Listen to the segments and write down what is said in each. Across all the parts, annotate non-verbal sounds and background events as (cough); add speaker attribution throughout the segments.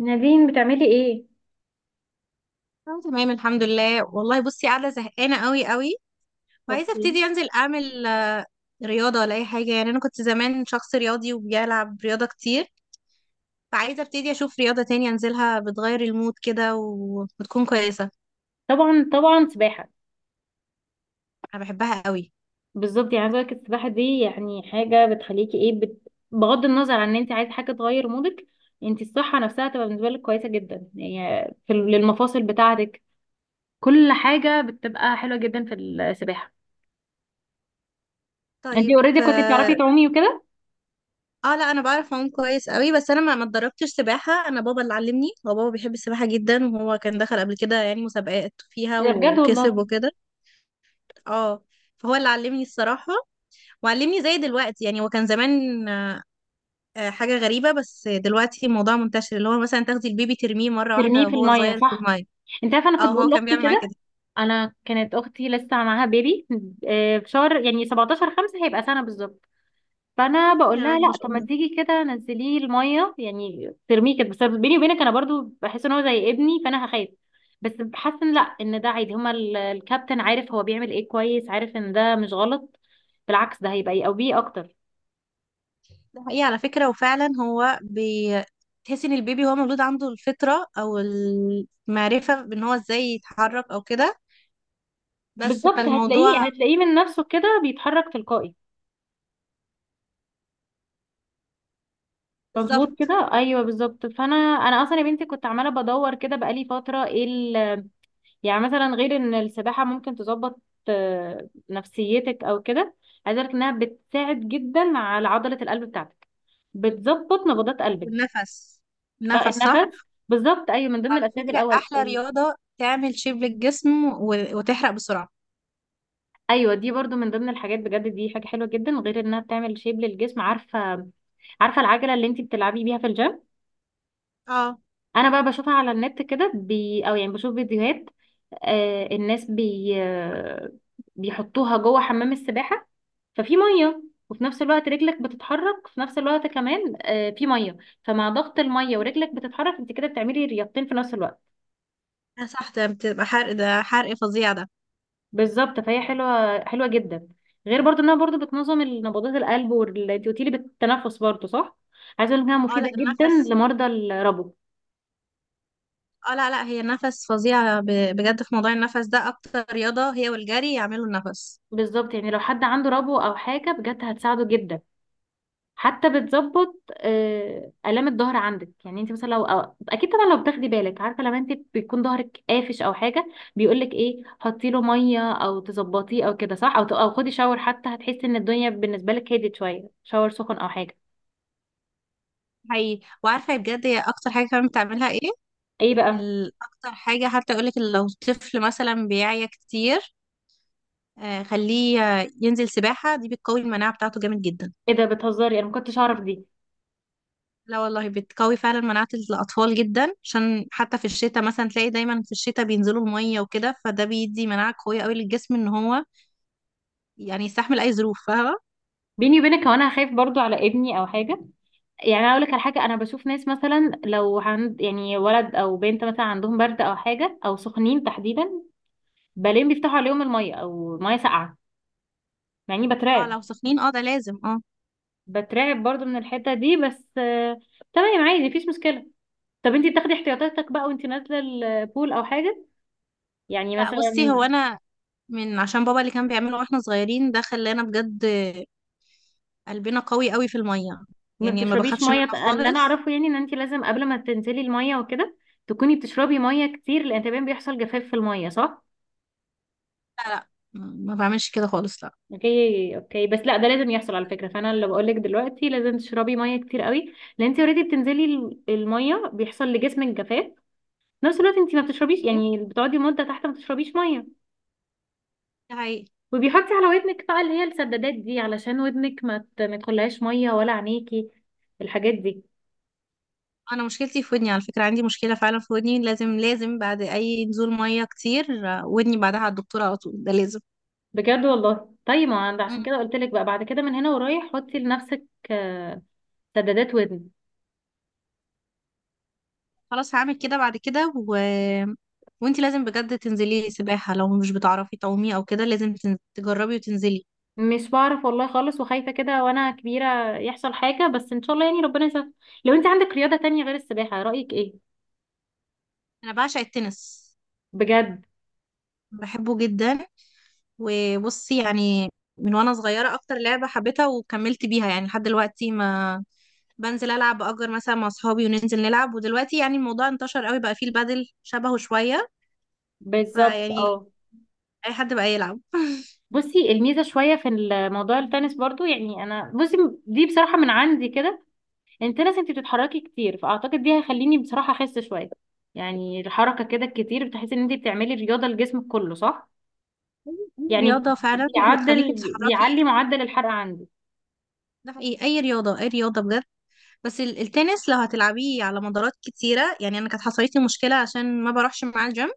Speaker 1: نادين بتعملي ايه؟
Speaker 2: اه، تمام الحمد لله. والله بصي، قاعده زهقانه قوي قوي وعايزه
Speaker 1: اوكي.
Speaker 2: ابتدي انزل اعمل رياضه ولا اي حاجه. يعني انا كنت زمان شخص رياضي وبيلعب رياضه كتير، فعايزه ابتدي اشوف رياضه تانية انزلها بتغير المود كده وتكون كويسه.
Speaker 1: طبعا، سباحه.
Speaker 2: انا بحبها قوي.
Speaker 1: بالظبط، يعني عايزه اقول لك السباحه دي يعني حاجه بغض النظر عن ان انت عايزه حاجه تغير مودك، انت الصحه نفسها تبقى بالنسبه لك كويسه جدا، يعني في للمفاصل بتاعتك، كل حاجه بتبقى حلوه جدا في السباحه. انت
Speaker 2: طيب،
Speaker 1: اوريدي كنت بتعرفي
Speaker 2: اه.
Speaker 1: تعومي وكده؟
Speaker 2: لا، انا بعرف اعوم كويس قوي، بس انا ما اتدربتش سباحه. انا بابا اللي علمني، هو بابا بيحب السباحه جدا، وهو كان دخل قبل كده يعني مسابقات فيها
Speaker 1: ده بجد
Speaker 2: وكسب
Speaker 1: والله؟
Speaker 2: وكده. اه. فهو اللي علمني الصراحه. وعلمني زي دلوقتي، يعني هو كان زمان حاجة غريبة. بس دلوقتي الموضوع منتشر، اللي هو مثلا تاخدي البيبي ترميه مرة
Speaker 1: ترميه
Speaker 2: واحدة
Speaker 1: في
Speaker 2: وهو
Speaker 1: الميه
Speaker 2: صغير في
Speaker 1: صح.
Speaker 2: المية.
Speaker 1: انت عارفه انا كنت
Speaker 2: اه،
Speaker 1: بقول
Speaker 2: هو كان
Speaker 1: لاختي
Speaker 2: بيعمل معايا
Speaker 1: كده،
Speaker 2: كده.
Speaker 1: انا كانت اختي لسه معاها بيبي، في شهر يعني 17 5، هيبقى سنه بالظبط. فانا بقول
Speaker 2: يعني
Speaker 1: لها
Speaker 2: الواحد
Speaker 1: لا،
Speaker 2: ما شاء
Speaker 1: طب ما
Speaker 2: الله.
Speaker 1: تيجي كده نزليه الميه، يعني ترميه كده، بس بيني وبينك انا برضو بحس ان هو زي ابني فانا هخاف. بس بحس ان لا، ان ده عادي، هما الكابتن عارف هو بيعمل ايه، كويس عارف ان ده مش غلط، بالعكس ده هيبقى يقويه اكتر.
Speaker 2: ده حقيقي على فكرة. وفعلا هو تحس ان البيبي هو مولود عنده الفطرة او المعرفة بان هو ازاي يتحرك او كده. بس
Speaker 1: بالظبط، هتلاقيه
Speaker 2: فالموضوع.
Speaker 1: هتلاقيه من نفسه كده بيتحرك تلقائي. مظبوط
Speaker 2: بالظبط.
Speaker 1: كده، ايوه بالظبط. فانا اصلا يا بنتي كنت عماله بدور كده بقالي فتره، ايه يعني مثلا غير ان السباحة ممكن تظبط نفسيتك او كده، عايزة اقولك انها بتساعد جدا على عضلة القلب بتاعتك، بتظبط نبضات قلبك.
Speaker 2: والنفس، النفس صح.
Speaker 1: النفس بالظبط، ايوه من ضمن
Speaker 2: على
Speaker 1: الاسباب
Speaker 2: فكرة
Speaker 1: الاول
Speaker 2: احلى رياضة تعمل شيب للجسم وتحرق بسرعة.
Speaker 1: ايوه، دي برضو من ضمن الحاجات، بجد دي حاجة حلوة جدا. غير انها بتعمل شيب للجسم، عارفة؟ عارفة العجلة اللي انتي بتلعبي بيها في الجيم؟
Speaker 2: اه.
Speaker 1: انا بقى بشوفها على النت كده بي او يعني بشوف فيديوهات، الناس بي آه بيحطوها جوه حمام السباحة، ففي مية، وفي نفس الوقت رجلك بتتحرك في نفس الوقت، كمان في مية، فمع ضغط المية ورجلك بتتحرك انت كده بتعملي رياضتين في نفس الوقت.
Speaker 2: آه صح، ده بتبقى حرق، ده حرق فظيع ده.
Speaker 1: بالظبط، فهي حلوة جدا، غير برضو انها برضو بتنظم نبضات القلب، وانت قلتيلي بالتنفس برضو صح، عايزة اقول انها
Speaker 2: اه لا،
Speaker 1: مفيدة جدا
Speaker 2: النفس،
Speaker 1: لمرضى الربو.
Speaker 2: اه لا لا، هي النفس فظيعة بجد. في موضوع النفس ده، اكتر رياضة هي والجري يعملوا النفس.
Speaker 1: بالظبط يعني لو حد عنده ربو او حاجة بجد هتساعده جدا، حتى بتظبط آلام الظهر عندك. يعني انت مثلا لو أو اكيد طبعا لو بتاخدي بالك، عارفه لما انت بيكون ظهرك قافش او حاجه، بيقول لك ايه؟ حطي له ميه او تظبطيه او كده صح، او او خدي شاور، حتى هتحسي ان الدنيا بالنسبه لك هديت شويه، شاور سخن او حاجه.
Speaker 2: حقيقي. وعارفة بجد هي اكتر حاجة كمان بتعملها ايه؟
Speaker 1: ايه بقى؟
Speaker 2: اكتر حاجة، حتى يقولك لو طفل مثلا بيعيا كتير، خليه ينزل سباحة، دي بتقوي المناعة بتاعته جامد جدا.
Speaker 1: ايه ده بتهزري؟ انا ما كنتش اعرف دي.
Speaker 2: لا والله، بتقوي فعلا مناعة الأطفال جدا، عشان حتى في الشتاء مثلا تلاقي دايما في الشتاء بينزلوا المية وكده، فده بيدي مناعة قوية قوي للجسم، ان هو يعني يستحمل اي ظروف، فاهمه؟
Speaker 1: بيني وبينك هو انا خايف برضو على ابني او حاجه. يعني اقول لك على حاجه، انا بشوف ناس مثلا لو عند يعني ولد او بنت مثلا عندهم برد او حاجه او سخنين تحديدا، بلين بيفتحوا عليهم الميه او ميه ساقعه، يعني
Speaker 2: اه
Speaker 1: بترعب،
Speaker 2: لو سخنين اه، ده لازم اه.
Speaker 1: بترعب برضو من الحتة دي، بس تمام عادي مفيش مشكلة. طب انتي بتاخدي احتياطاتك بقى وانتي نازلة البول او حاجة؟ يعني
Speaker 2: لا بصي،
Speaker 1: مثلا
Speaker 2: هو انا من عشان بابا اللي كان بيعمله واحنا صغيرين، ده خلانا بجد قلبنا قوي قوي في الميه.
Speaker 1: ما
Speaker 2: يعني ما
Speaker 1: بتشربيش
Speaker 2: بخافش
Speaker 1: مية،
Speaker 2: منها
Speaker 1: اللي انا
Speaker 2: خالص.
Speaker 1: اعرفه يعني ان انتي لازم قبل ما تنزلي المية وكده تكوني بتشربي مية كتير، لان تمام بيحصل جفاف في المية صح.
Speaker 2: لا لا، ما بعملش كده خالص، لا.
Speaker 1: اوكي، بس لا، ده لازم يحصل على فكرة، فانا اللي بقولك دلوقتي لازم تشربي مية كتير قوي، لان انتي اوريدي بتنزلي المية بيحصل لجسمك جفاف، في نفس الوقت انتي ما بتشربيش،
Speaker 2: ايه.
Speaker 1: يعني بتقعدي مدة تحت ما بتشربيش مية.
Speaker 2: ده حقيقي.
Speaker 1: وبيحطي على ودنك بقى اللي هي السدادات دي، علشان ودنك ما تخليهاش ميه، ولا عينيكي الحاجات دي.
Speaker 2: انا مشكلتي في ودني، على فكره عندي مشكله فعلا في ودني، لازم لازم بعد اي نزول ميه كتير ودني بعدها على الدكتوره على طول، ده لازم.
Speaker 1: بجد والله؟ طيب ما عند عشان كده قلت لك بقى، بعد كده من هنا ورايح حطي لنفسك آه، سدادات ودن.
Speaker 2: خلاص هعمل كده بعد كده وانتي لازم بجد تنزلي سباحة. لو مش بتعرفي تعومي او كده لازم تجربي وتنزلي.
Speaker 1: مش بعرف والله خالص، وخايفه كده وانا كبيره يحصل حاجه، بس ان شاء الله يعني ربنا يسهل. لو انت عندك رياضه تانية غير السباحه رايك ايه؟
Speaker 2: انا بعشق التنس،
Speaker 1: بجد؟
Speaker 2: بحبه جدا. وبصي يعني من وانا صغيرة اكتر لعبة حبيتها وكملت بيها، يعني لحد دلوقتي ما بنزل العب باجر مثلا مع اصحابي وننزل نلعب. ودلوقتي يعني الموضوع انتشر قوي، بقى فيه البادل شبهه شوية.
Speaker 1: بالظبط
Speaker 2: فيعني
Speaker 1: اه.
Speaker 2: اي حد بقى يلعب (laughs)
Speaker 1: بصي، الميزه شويه في الموضوع التنس برضو، يعني انا بصي دي بصراحه من عندي كده، التنس انت بتتحركي كتير، فاعتقد دي هيخليني بصراحه اخس شويه، يعني الحركه كده الكتير بتحسي ان انت بتعملي رياضه لجسمك كله صح، يعني
Speaker 2: رياضة فعلا بتخليكي
Speaker 1: بيعدل،
Speaker 2: تتحركي.
Speaker 1: بيعلي معدل الحرق عندي.
Speaker 2: ده حقيقي، اي رياضة، اي رياضة بجد. بس التنس لو هتلعبيه على مدارات كتيرة، يعني أنا كانت حصلت لي مشكلة عشان ما بروحش مع الجيم.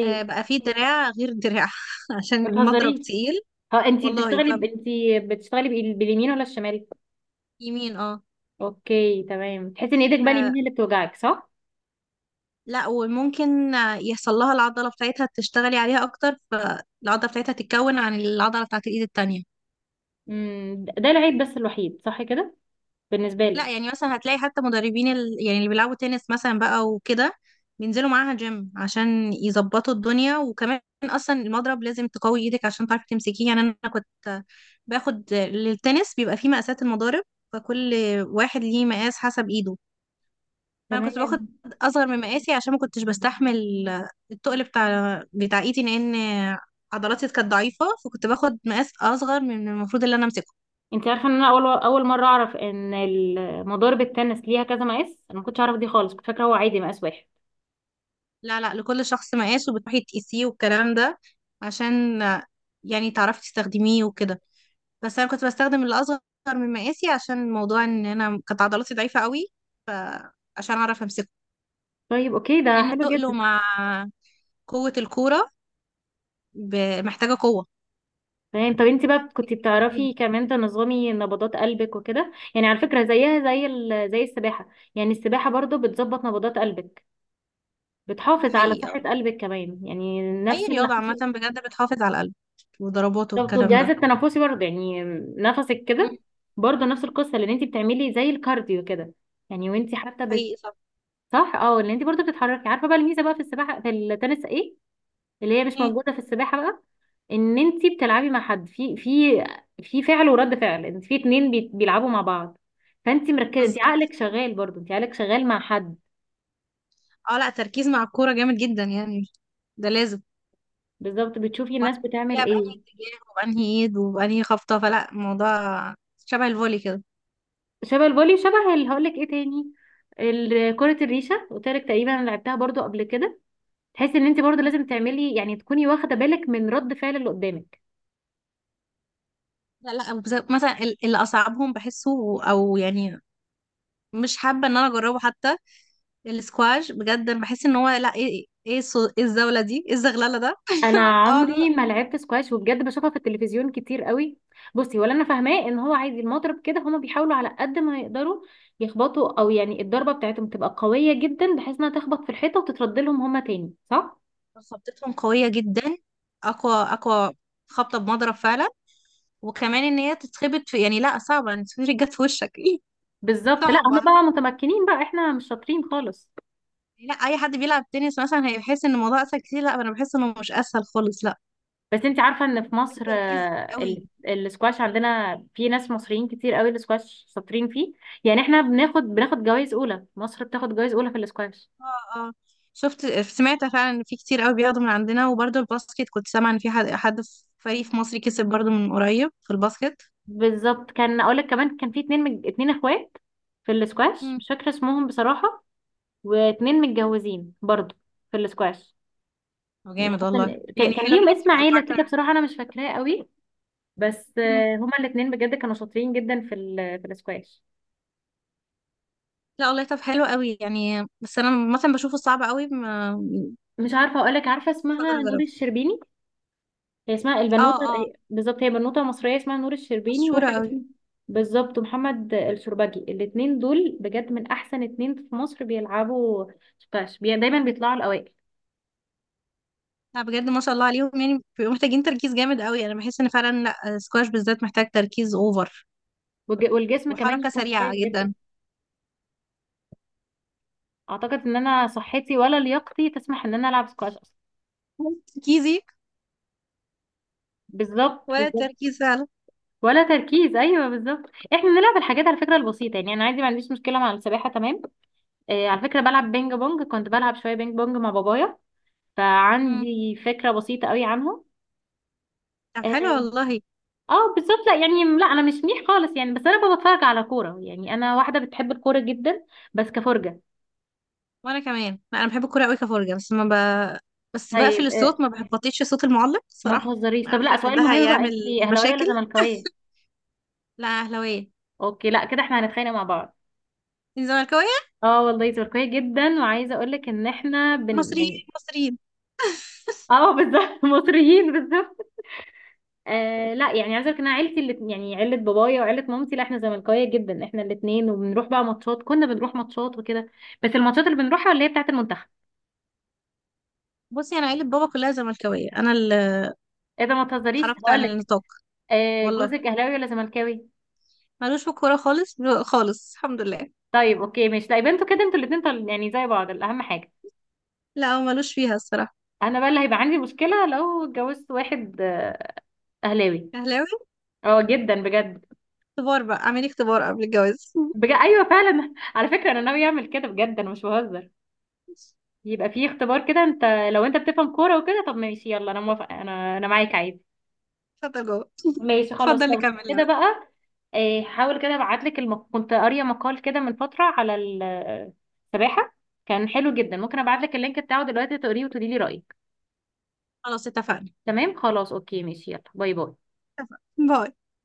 Speaker 2: بقى فيه دراع غير دراع (laughs) عشان المضرب
Speaker 1: بتهزريش؟
Speaker 2: تقيل.
Speaker 1: ها انت
Speaker 2: والله بقى،
Speaker 1: انت بتشتغلي باليمين ولا الشمال؟
Speaker 2: يمين اه.
Speaker 1: اوكي تمام، تحسي ان ايدك بقى اليمين
Speaker 2: ف-
Speaker 1: هي اللي بتوجعك صح.
Speaker 2: لا، وممكن يحصل لها العضلة بتاعتها، تشتغلي عليها أكتر، فالعضلة بتاعتها تتكون عن العضلة بتاعت الإيد التانية.
Speaker 1: ده العيب بس الوحيد صح كده بالنسبه لك.
Speaker 2: لا يعني مثلا هتلاقي حتى مدربين يعني اللي بيلعبوا تنس مثلا بقى وكده بينزلوا معاها جيم عشان يظبطوا الدنيا. وكمان اصلا المضرب لازم تقوي ايدك عشان تعرفي تمسكيه. يعني انا كنت باخد للتنس، بيبقى فيه مقاسات المضارب، فكل واحد ليه مقاس حسب ايده. فانا كنت باخد
Speaker 1: تمام.
Speaker 2: اصغر من مقاسي عشان ما كنتش بستحمل التقل بتاع ايدي، لان عضلاتي كانت ضعيفة، فكنت باخد مقاس اصغر من المفروض اللي انا امسكه.
Speaker 1: انت عارفه ان انا اول مره اعرف ان مضارب التنس ليها كذا مقاس؟ انا ما كنتش اعرف دي خالص، كنت فاكره هو عادي مقاس واحد.
Speaker 2: لا لا، لكل شخص مقاس، وبتروحي تقيسيه والكلام ده عشان يعني تعرفي تستخدميه وكده. بس انا كنت بستخدم اللي اصغر من مقاسي، عشان موضوع ان انا كانت عضلاتي ضعيفة قوي، فعشان اعرف امسكه،
Speaker 1: طيب اوكي ده
Speaker 2: لان
Speaker 1: حلو
Speaker 2: تقله
Speaker 1: جدا.
Speaker 2: مع قوة الكورة محتاجة قوة
Speaker 1: تمام. طب انت بقى كنت
Speaker 2: تديها.
Speaker 1: بتعرفي كمان تنظمي نبضات قلبك وكده؟ يعني على فكرة زيها زي زي السباحة، يعني السباحة برضو بتظبط نبضات قلبك،
Speaker 2: ده
Speaker 1: بتحافظ على
Speaker 2: حقيقي
Speaker 1: صحة
Speaker 2: اه.
Speaker 1: قلبك كمان، يعني
Speaker 2: اي
Speaker 1: نفس اللي
Speaker 2: رياضة عامة
Speaker 1: حصل.
Speaker 2: بجد بتحافظ على القلب وضربات
Speaker 1: بالظبط،
Speaker 2: والكلام
Speaker 1: والجهاز
Speaker 2: ده.
Speaker 1: التنفسي برضو، يعني نفسك
Speaker 2: مم.
Speaker 1: كده، برضو نفس القصة، لان انت بتعملي زي الكارديو كده، يعني وانت حتى
Speaker 2: حقيقي صح.
Speaker 1: صح اه، اللي انت برضو بتتحركي. عارفة بقى الميزة بقى في السباحة في التنس ايه، اللي هي مش
Speaker 2: ايه
Speaker 1: موجودة في السباحة بقى؟ ان انت بتلعبي مع حد، في في فعل ورد فعل، انت في اتنين بيلعبوا مع بعض، فانت مركزه، انت
Speaker 2: بالظبط.
Speaker 1: عقلك شغال، برضو انت عقلك شغال مع حد.
Speaker 2: اه لا، تركيز مع الكورة جامد جدا يعني، ده لازم.
Speaker 1: بالظبط، بتشوفي الناس بتعمل
Speaker 2: وهتلاقيها
Speaker 1: ايه.
Speaker 2: بأنهي اتجاه وبأنهي ايد وبأنهي خبطة، فلا الموضوع شبه الفولي كده.
Speaker 1: شبه الفولي، شبه اللي هقول لك ايه تاني، كرة الريشة، قلت لك تقريبا انا لعبتها برضو قبل كده، تحسي ان انت برضو
Speaker 2: مم.
Speaker 1: لازم تعملي، يعني تكوني واخدة بالك من رد فعل اللي قدامك.
Speaker 2: لا لا، مثلا اللي أصعبهم بحسه أو يعني مش حابة إن أنا أجربه حتى. السكواش بجد أنا بحس إن هو لا، إيه إيه إيه الزاولة دي، إيه الزغللة ده
Speaker 1: انا
Speaker 2: (laughs) أقعد
Speaker 1: عمري ما لعبت سكواش، وبجد بشوفها في التلفزيون كتير قوي. بصي ولا انا فاهماه ان هو عايز المضرب كده، هما بيحاولوا على قد ما يقدروا يخبطوا، او يعني الضربه بتاعتهم تبقى قويه جدا بحيث انها تخبط في الحيطه وتترد لهم هما تاني صح.
Speaker 2: خبطتهم قوية جدا، أقوى أقوى. خبطة بمضرب فعلا. وكمان إن هي تتخبط في يعني لا، صعبة إن تتخبط جت في وشك (laughs) إيه
Speaker 1: بالظبط، لا هما
Speaker 2: صعبة.
Speaker 1: بقى متمكنين بقى، احنا مش شاطرين خالص.
Speaker 2: يعني لا، أي حد بيلعب تنس مثلا هيحس إن الموضوع أسهل كتير، لا أنا بحس إنه مش أسهل خالص، لا.
Speaker 1: بس انت عارفه ان في مصر
Speaker 2: تركيز قوي.
Speaker 1: السكواش عندنا في ناس مصريين كتير قوي السكواش شاطرين فيه؟ يعني احنا بناخد جوائز اولى، مصر بتاخد جوائز اولى في السكواش.
Speaker 2: اه اه، شفت، سمعت فعلا ان في كتير قوي بياخدوا من عندنا. وبرضه الباسكت كنت سامعه ان في حد في فريق في مصر كسب برضه من قريب في الباسكت.
Speaker 1: بالظبط، كان اقولك كمان، كان في اتنين اتنين اخوات في الاسكواش،
Speaker 2: مم.
Speaker 1: مش فاكره اسمهم بصراحه، واتنين متجوزين برضو في الاسكواش. يعني
Speaker 2: وجامد
Speaker 1: حتى
Speaker 2: والله،
Speaker 1: كان
Speaker 2: يعني
Speaker 1: كان
Speaker 2: حلو
Speaker 1: ليهم
Speaker 2: انك
Speaker 1: اسم
Speaker 2: تبقى
Speaker 1: عيله كده،
Speaker 2: البارتنر.
Speaker 1: بصراحه انا مش فاكراه قوي، بس
Speaker 2: مم.
Speaker 1: آه، هما الاتنين بجد كانوا شاطرين جدا في في الاسكواش.
Speaker 2: لا والله، طب حلو قوي يعني. بس انا مثلا بشوفه صعب قوي، ما
Speaker 1: مش عارفه اقولك، عارفه
Speaker 2: مش هقدر
Speaker 1: اسمها نور
Speaker 2: اجربه.
Speaker 1: الشربيني؟ هي اسمها
Speaker 2: اه
Speaker 1: البنوته
Speaker 2: اه،
Speaker 1: بالظبط، هي بنوته مصريه اسمها نور الشربيني،
Speaker 2: مشهوره
Speaker 1: وواحد
Speaker 2: قوي.
Speaker 1: اسمه بالظبط محمد الشربجي، الاتنين دول بجد من احسن اتنين في مصر بيلعبوا سكواش، دايما بيطلعوا الاوائل.
Speaker 2: لا بجد ما شاء الله عليهم، يعني بيبقوا محتاجين تركيز جامد قوي. انا بحس ان فعلا، لا، سكواش بالذات محتاج تركيز اوفر
Speaker 1: والجسم كمان
Speaker 2: وحركه
Speaker 1: يكون
Speaker 2: سريعه
Speaker 1: كويس جدا.
Speaker 2: جدا.
Speaker 1: اعتقد ان انا صحتي ولا لياقتي تسمح ان انا العب سكواش اصلا.
Speaker 2: ولا تركيزي.
Speaker 1: بالظبط
Speaker 2: ولا
Speaker 1: بالظبط
Speaker 2: التركيز فعلا.
Speaker 1: ولا تركيز ايوه بالظبط، احنا بنلعب الحاجات على فكره البسيطه، يعني انا عادي ما عنديش مشكله مع السباحه تمام. آه على فكره بلعب بينج بونج، كنت بلعب شويه بينج بونج مع بابايا، فعندي فكره بسيطه قوي عنه.
Speaker 2: طب حلو
Speaker 1: اه.
Speaker 2: والله.
Speaker 1: بالظبط، لا يعني لا، انا مش منيح خالص يعني، بس انا بتفرج على كوره، يعني انا واحده بتحب الكوره جدا بس كفرجه.
Speaker 2: وانا كمان لا، انا بحب الكوره قوي كفرجه، بس ما ب... بس بقفل
Speaker 1: طيب آه
Speaker 2: الصوت، ما بحبطيش صوت المعلق
Speaker 1: ما
Speaker 2: صراحه.
Speaker 1: تهزريش.
Speaker 2: أنا
Speaker 1: طب لا،
Speaker 2: عارفه ان
Speaker 1: سؤال
Speaker 2: ده
Speaker 1: مهم بقى،
Speaker 2: هيعمل
Speaker 1: انت اهلاويه ولا
Speaker 2: مشاكل
Speaker 1: زملكاويه؟
Speaker 2: (laughs) لا اهلاويه.
Speaker 1: اوكي لا كده احنا هنتخانق مع بعض.
Speaker 2: إنت زملكاويه.
Speaker 1: اه والله تركيا جدا، وعايزه اقول لك ان احنا بن (laughs) يعني
Speaker 2: مصريين مصريين.
Speaker 1: اه بالظبط (laughs) مصريين بالظبط. آه لا، يعني عايزه اقول لك ان انا عيلتي اللي يعني عيله بابايا وعيله مامتي، لا احنا زملكاويه جدا احنا الاثنين، وبنروح بقى ماتشات، كنا بنروح ماتشات وكده، بس الماتشات اللي بنروحها اللي هي بتاعه المنتخب.
Speaker 2: بصي انا عيله بابا كلها زملكاويه، انا اللي
Speaker 1: ايه ده ما تهزريش،
Speaker 2: خرجت
Speaker 1: هقول
Speaker 2: عن
Speaker 1: لك
Speaker 2: النطاق. والله
Speaker 1: جوزك اهلاوي ولا زملكاوي؟
Speaker 2: ملوش في الكوره خالص، خالص الحمد لله.
Speaker 1: طيب اوكي ماشي، لا يبقى انتوا كده انتوا الاثنين يعني زي بعض اهم حاجه.
Speaker 2: لا هو ملوش فيها الصراحه.
Speaker 1: انا بقى اللي هيبقى عندي مشكله لو اتجوزت واحد اهلاوي،
Speaker 2: اهلاوي.
Speaker 1: اه جدا بجد.
Speaker 2: اختبار بقى، اعملي اختبار قبل الجواز (laughs)
Speaker 1: بجد ايوه فعلا (laughs) على فكره انا ناوي اعمل كده بجد انا مش بهزر، يبقى في اختبار كده انت، لو انت بتفهم كوره وكده طب ماشي يلا انا موافقه، انا معاك عادي.
Speaker 2: اتفضل جوه.
Speaker 1: ماشي خلاص
Speaker 2: اتفضل
Speaker 1: لو
Speaker 2: نكمل.
Speaker 1: كده بقى حاول كده ابعت لك كنت قاريه مقال كده من فتره على السباحه، كان حلو جدا، ممكن ابعت لك اللينك بتاعه دلوقتي تقريه وتقولي لي رايك.
Speaker 2: خلاص اتفقنا.
Speaker 1: تمام خلاص اوكي ماشي، يلا باي باي.
Speaker 2: اتفقنا. باي.